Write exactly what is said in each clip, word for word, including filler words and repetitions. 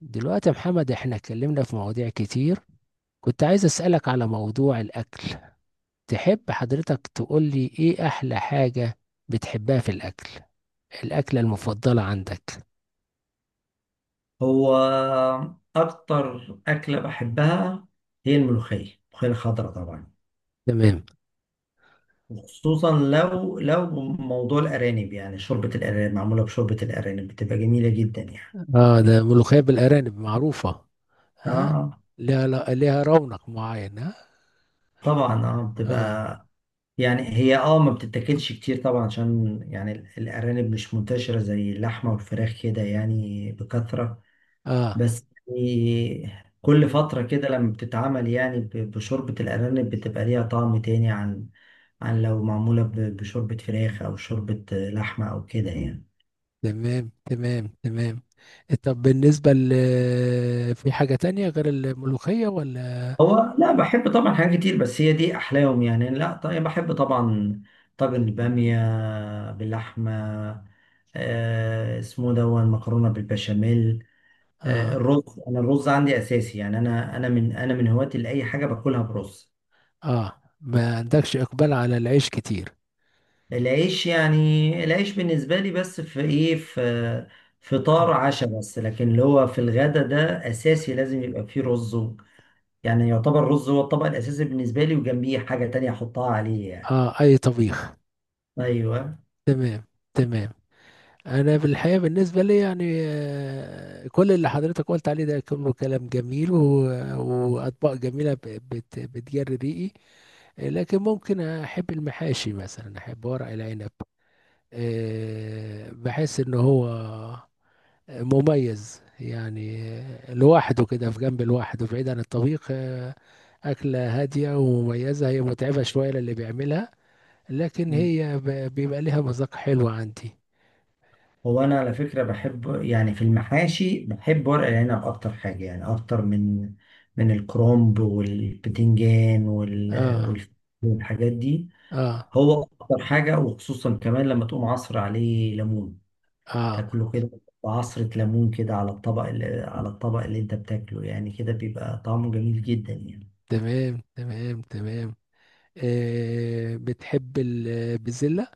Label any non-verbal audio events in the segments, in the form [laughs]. دلوقتي يا محمد، احنا اتكلمنا في مواضيع كتير. كنت عايز اسألك على موضوع الأكل. تحب حضرتك تقول لي ايه أحلى حاجة بتحبها في الأكل، الأكلة المفضلة عندك؟ هو أكتر أكلة بحبها هي الملوخية الملوخية الخضراء طبعا، تمام. وخصوصا لو لو موضوع الأرانب، يعني شوربة الأرانب، معمولة بشوربة الأرانب بتبقى جميلة جدا يعني. اه، ده ملوخية بالأرانب معروفة. ها. آه ليها لا- ليها رونق معين، ها. طبعا آه اه. بتبقى يعني هي، آه ما بتتاكلش كتير طبعا، عشان يعني ال- الأرانب مش منتشرة زي اللحمة والفراخ كده يعني بكثرة. اه. بس يعني كل فترة كده لما بتتعمل، يعني ب- بشوربة الأرانب، بتبقى ليها طعم تاني عن عن لو معمولة ب- بشوربة فراخ أو شوربة لحمة أو كده يعني. تمام تمام تمام طب بالنسبة ل، في حاجة تانية غير الملوخية ولا؟ هو لا، بحب طبعا حاجات كتير بس هي دي أحلاهم يعني. لا طيب، بحب طبعا طاجن البامية باللحمة، آه اسمه دون، مكرونة بالبشاميل، آه اه. الرز. أنا الرز عندي أساسي، يعني أنا أنا من أنا من هواة لأي حاجة باكلها برز. اه، ما عندكش إقبال على العيش كتير. العيش، يعني العيش بالنسبة لي بس في إيه، في فطار عشاء بس، لكن اللي هو في الغدا ده أساسي لازم يبقى فيه رز. يعني يعتبر الرز هو الطبق الأساسي بالنسبة لي، وجنبيه حاجة تانية أحطها عليه يعني. اه، اي طبيخ. أيوه. تمام تمام انا بالحقيقه بالنسبه لي يعني آه، كل اللي حضرتك قلت عليه ده كله كلام جميل و- واطباق جميله، ب- بت- بتجري ريقي. آه، لكن ممكن احب المحاشي مثلا، احب ورق العنب. آه، بحس ان هو مميز يعني، آه، لوحده كده، في جنب لوحده بعيد عن الطبيخ. آه، أكلة هادية ومميزة، هي متعبة شوية للي بيعملها، لكن م. هي ب- بيبقى ليها مذاق حلو عندي. هو أنا على فكرة بحب، يعني في المحاشي بحب ورق العنب أكتر حاجة، يعني أكتر من من الكرنب والبتنجان وال... اه. وال... والحاجات دي. اه. هو أكتر حاجة، وخصوصا كمان لما تقوم عصر عليه ليمون، اه. تاكله كده، عصرة ليمون كده على الطبق اللي على الطبق اللي أنت بتاكله يعني، كده بيبقى طعمه جميل جدا يعني. تمام تمام تمام آه، بتحب البزلة.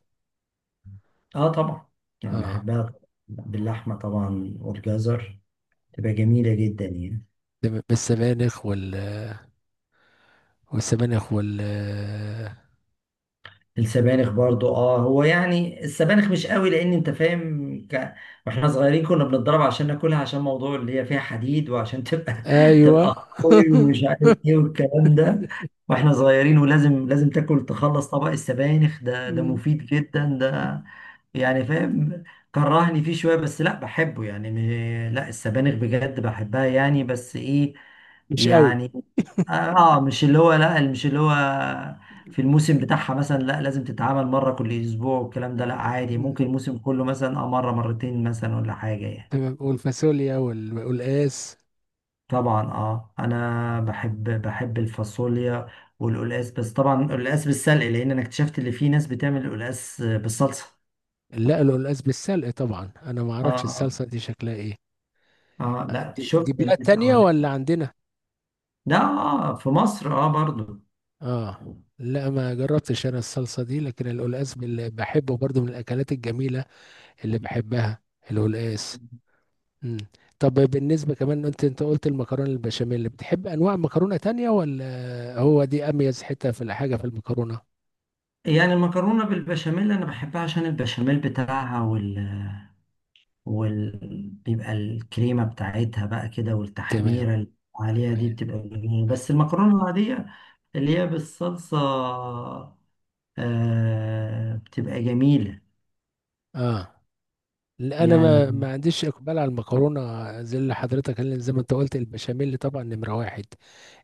اه طبعا، يعني اه. بحبها، باللحمة طبعا والجزر، تبقى جميلة جدا يعني. تمام، بالسبانخ وال والسبانخ وال آه السبانخ برضو اه، هو يعني السبانخ مش قوي، لان انت فاهم ك... واحنا صغيرين كنا بنتضرب عشان ناكلها، عشان موضوع اللي هي فيها حديد، وعشان تبقى [laughs] ايوه تبقى قوي ومش عارف [laughs] ايه والكلام ده. واحنا صغيرين، ولازم لازم تاكل تخلص طبق السبانخ ده، ده م، مفيد جدا ده، يعني فاهم. كرهني فيه شوية، بس لا بحبه يعني. م- لا السبانخ بجد بحبها يعني، بس ايه، مش قوي. يعني اه. آه، مش اللي هو، لا مش اللي هو في الموسم بتاعها مثلا لا لازم تتعامل مرة كل أسبوع والكلام ده، لا عادي، م. ممكن الموسم كله مثلا اه مرة مرتين مثلا ولا حاجة يعني. تمام، والفاصوليا وال- والقلقاس. طبعا اه، انا بحب بحب الفاصوليا والقلقاس، بس طبعا القلقاس بالسلق، لان انا اكتشفت ان في ناس بتعمل القلقاس بالصلصة. لا، القلقاس بالسلق طبعا، انا ما اه اعرفش اه، الصلصة دي شكلها ايه. آه، آه، لا دي, دي شفت بلاد ناس تانية اولا. ولا عندنا؟ ده آه في مصر اه برضو. اه، لا، ما جربتش انا الصلصة دي، لكن القلقاس بال- بحبه برضو، من الاكلات الجميلة اللي بحبها، القلقاس. مم. طب بالنسبة كمان، انت انت قلت المكرونة البشاميل، بتحب انواع مكرونة تانية ولا هو دي اميز حتة في الحاجة في المكرونة؟ يعني المكرونة بالبشاميل انا بحبها عشان البشاميل بتاعها، وال، وبيبقى الكريمة بتاعتها بقى كده، تمام والتحميرة اللي عليها دي تمام بتبقى جميلة. تمام بس المكرونة العادية اللي هي بالصلصة، آه بتبقى جميلة اه، لا، انا ما, يعني. ما عنديش اقبال على المكرونة. زي اللي حضرتك، اللي زي ما انت قلت، البشاميل طبعا نمرة واحد.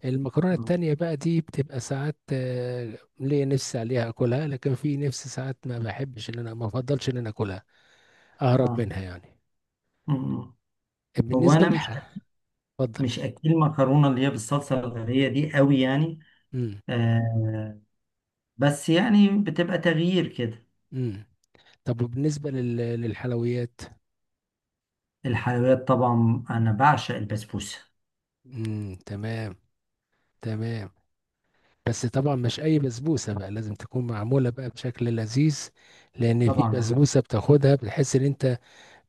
المكرونة التانية بقى دي بتبقى ساعات، آه، ليا نفسي عليها اكلها، لكن في نفسي ساعات ما بحبش ان انا، ما افضلش ان انا اكلها، اهرب آه. منها يعني. مم. هو بالنسبة أنا مش، للح، اتفضل. مش أكل مكرونة اللي هي بالصلصة الغربية دي قوي يعني. آه بس يعني بتبقى تغيير كده. امم. طب وبالنسبة لل... للحلويات. الحلويات طبعا أنا بعشق البسبوسة. امم، تمام. تمام، بس طبعا مش اي بسبوسة بقى، لازم تكون معمولة بقى بشكل لذيذ، لان في طبعا بسبوسة بتاخدها بتحس ان انت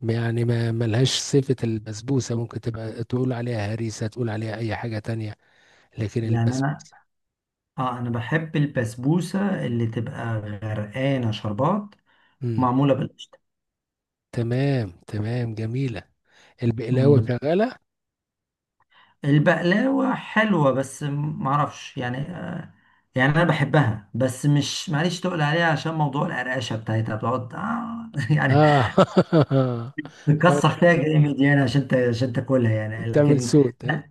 يعني ما ملهاش صفة البسبوسة، ممكن تبقى تقول عليها هريسة، تقول عليها اي حاجة تانية، لكن يعني البسبوسة. أنا اه انا بحب البسبوسه اللي تبقى غرقانه شربات، امم، معموله بالقشطه. تمام، تمام جميلة. البقلاوة مم. شغالة. البقلاوه حلوه بس معرفش يعني آه يعني انا بحبها بس مش معليش تقول عليها، عشان موضوع القرقشه بتاعتها بتقعد آه [laughs] يعني اه [laughs] آه، تكسر فيها جامد يعني، عشان ت- عشان تاكلها يعني، بتعمل لكن صوت. ها،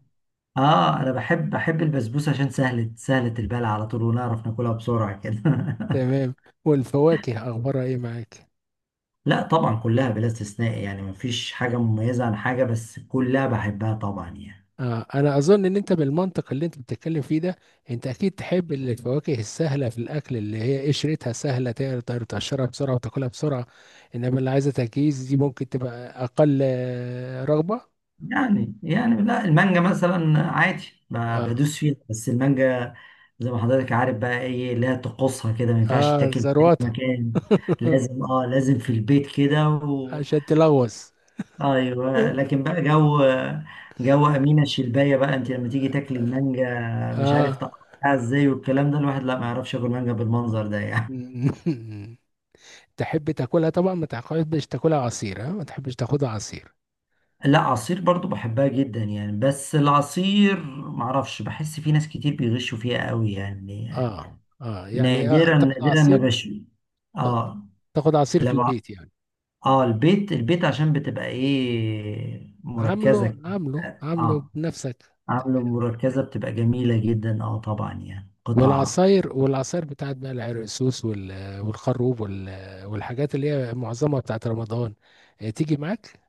اه انا بحب بحب البسبوسه عشان سهله، سهله البلع على طول ونعرف ناكلها بسرعه كده [laughs] تمام. والفواكه اخبارها ايه معاك؟ لا طبعا كلها بلا استثناء، يعني مفيش حاجة مميزة عن حاجة، بس كلها بحبها طبعا يعني. آه، انا اظن ان انت بالمنطق اللي انت بتتكلم فيه ده، انت اكيد تحب الفواكه السهله في الاكل، اللي هي قشرتها سهله، تقدر تقشرها بسرعه وتاكلها بسرعه، انما اللي عايزه تجهيز دي ممكن تبقى اقل آه، رغبه. يعني يعني لا، المانجا مثلا عادي، ب- اه. بدوس فيها، بس المانجا زي ما حضرتك عارف بقى ايه، لا تقصها كده ما ينفعش اه، تاكل في أي زروطه [laughs] مكان، لازم اه لازم في البيت كده و... عشان تلغوص. ايوه. لكن بقى جو، جو امينه الشلبايه بقى، انت لما تيجي تاكلي المانجا مش عارف اه تقطعها ازاي والكلام ده، الواحد لا ما يعرفش ياكل مانجا بالمنظر ده يعني. [laughs] تحب تاكلها طبعا، ما تحبش تاكلها عصير، ها؟ ما تحبش تاخدها عصير؟ لا، عصير برضو بحبها جدا يعني، بس العصير معرفش، بحس في ناس كتير بيغشوا فيها قوي يعني. اه، اه، يعني اه، نادرا تاخد نادرا ما عصير، بش اه. تاخد عصير في لو ع- البيت يعني؟ اه البيت، البيت عشان بتبقى ايه، عامله مركزة. عامله عامله اه بنفسك. عامله مركزة بتبقى جميلة جدا، اه طبعا يعني قطع. والعصاير، والعصاير بتاعت بقى العرقسوس وال- والخروب وال- والحاجات اللي هي معظمها بتاعت رمضان، آه، تيجي معاك؟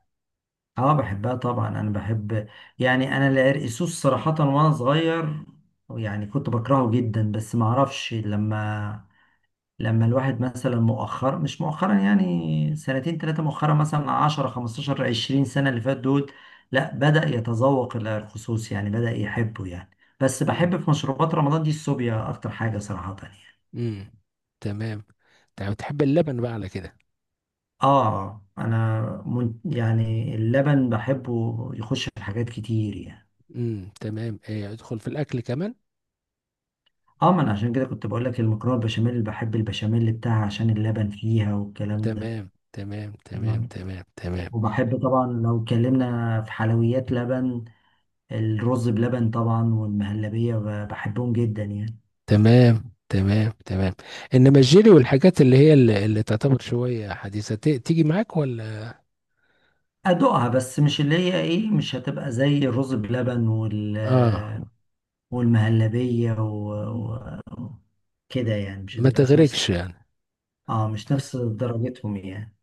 اه بحبها طبعا، انا بحب، يعني انا العرقسوس صراحة وانا صغير يعني كنت بكرهه جدا، بس معرفش لما، لما الواحد مثلا مؤخرا، مش مؤخرا يعني سنتين ثلاثة، مؤخرا مثلا عشرة خمسة عشر عشرين سنة اللي فات دول، لا بدأ يتذوق، إلى الخصوص يعني بدأ يحبه يعني. بس مم. بحب في مشروبات رمضان دي الصوبيا أكتر حاجة صراحة يعني. مم. تمام. تمام، تحب اللبن بقى على كده. آه أنا من، يعني اللبن بحبه يخش في حاجات كتير يعني. مم، تمام، آه، ادخل في الاكل كمان. اه ما انا عشان كده كنت بقول لك المكرونه البشاميل بحب البشاميل بتاعها عشان اللبن فيها والكلام ده. تمام تمام تمام نعم. تمام تمام وبحب طبعا لو اتكلمنا في حلويات لبن، الرز بلبن طبعا والمهلبية ب- بحبهم جدا يعني. تمام تمام تمام انما الجيلي والحاجات اللي هي اللي, اللي تعتبر شويه حديثه، ت- تيجي معاك ولا؟ أدوقها بس مش اللي هي إيه، مش هتبقى زي الرز بلبن، وال، اه، والمهلبية و... و... كده يعني، مش ما هتبقى في نفس، تغرقش يعني. اه مش نفس درجتهم يعني.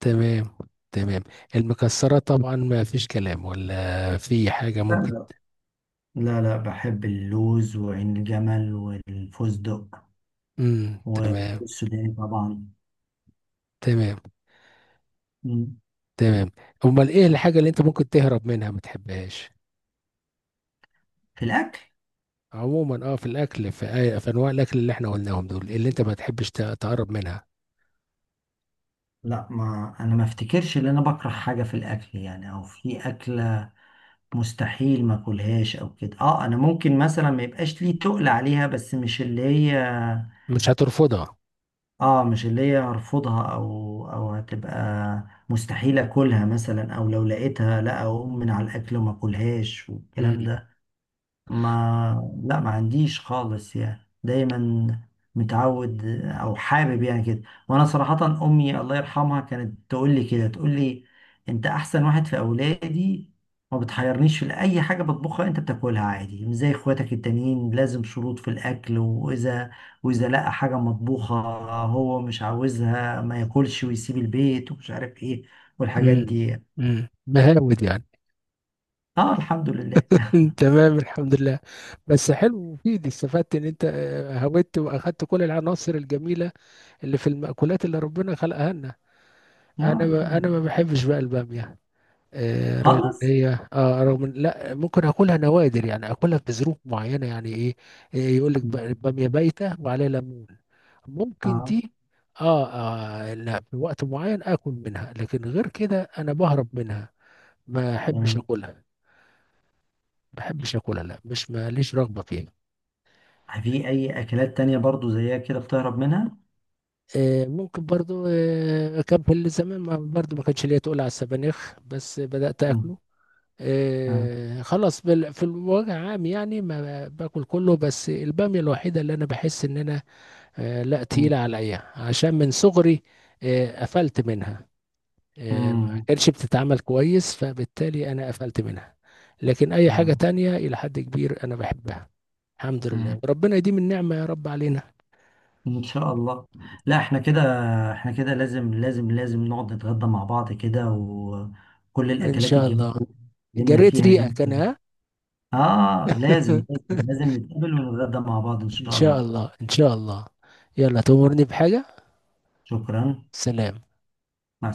تمام تمام المكسرات طبعا، ما فيش كلام، ولا في حاجة لا ممكن؟ لا لا لا بحب اللوز وعين الجمل والفستق امم، تمام والسوداني طبعا. تمام مم. تمام امال ايه الحاجة اللي انت ممكن تهرب منها ما تحبهاش في الأكل؟ عموما؟ اه، في الاكل، في, آي- في انواع الاكل اللي احنا قلناهم دول، اللي انت ما تحبش ت- تقرب منها. لا ما أنا ما أفتكرش إن أنا بكره حاجة في الأكل يعني، أو في أكلة مستحيل ما اكلهاش او كده. اه انا ممكن مثلا ما يبقاش لي تقل عليها، بس مش اللي هي مش هترفضها. اه مش اللي هي هرفضها او، او هتبقى مستحيل اكلها مثلا، او لو لقيتها لا اقوم من على الاكل وما اكلهاش والكلام امم. ده. ما لا، ما عنديش خالص يعني، دايما متعود او حابب يعني كده. وانا صراحة امي الله يرحمها كانت تقول لي كده، تقول لي انت احسن واحد في اولادي، ما بتحيرنيش في اي حاجة بطبخها، انت بتاكلها عادي، مش زي اخواتك التانيين لازم شروط في الاكل، واذا، واذا لقى حاجة مطبوخة هو مش عاوزها ما ياكلش ويسيب البيت ومش عارف ايه والحاجات امم. دي. امم، بهاود يعني. اه الحمد لله. [laughs] تمام، الحمد لله. بس حلو ومفيد، استفدت ان انت، آه، هودت واخدت كل العناصر الجميلة اللي في المأكولات اللي ربنا خلقها لنا. آه انا الحمد ما انا ما لله. بحبش بقى البامية. آه، رغم ان خالص. هي، اه، رغم إن، لا، ممكن اكلها نوادر يعني، اكلها في ظروف معينة، يعني ايه، إيه يقول لك بامية بايتة وعليها ليمون، ممكن اه دي. آه، اه، لا، في وقت معين اكل منها، لكن غير كده انا بهرب منها، ما احبش تمام. اكلها، ما بحبش اكلها، لا، مش ماليش رغبة فيها. في أي أكلات تانية برضو زيها كده بتهرب منها؟ آه، ممكن برضو، آه، كان في الزمان ما- برضو ما كانش ليا تقول على السبانخ، بس بدأت مم. أكله. آه. آه، خلاص، بال- في الوجه عام يعني، ما باكل كله، بس البامية الوحيدة اللي انا بحس ان انا، آه، لا، مم. تقيلة عليا، عشان من صغري آه، قفلت منها، آه، ما مم. كانش بتتعمل كويس، فبالتالي انا قفلت منها. لكن اي حاجة آه. تانية الى حد كبير انا بحبها، الحمد مم. لله، وربنا يديم النعمة يا رب علينا. إن شاء الله. لا احنا كده، احنا كده لازم لازم لازم نقعد نتغدى مع بعض كده، وكل ان الأكلات شاء الجميلة الله. اللي اتكلمنا جريت فيها دي. ريقك انا. آه لازم ها لازم لازم نتقابل ونتغدى مع بعض إن [laughs] ان شاء شاء الله. الله ان شاء الله. يلا، تأمرني بحاجة. شكرا. سلام. مع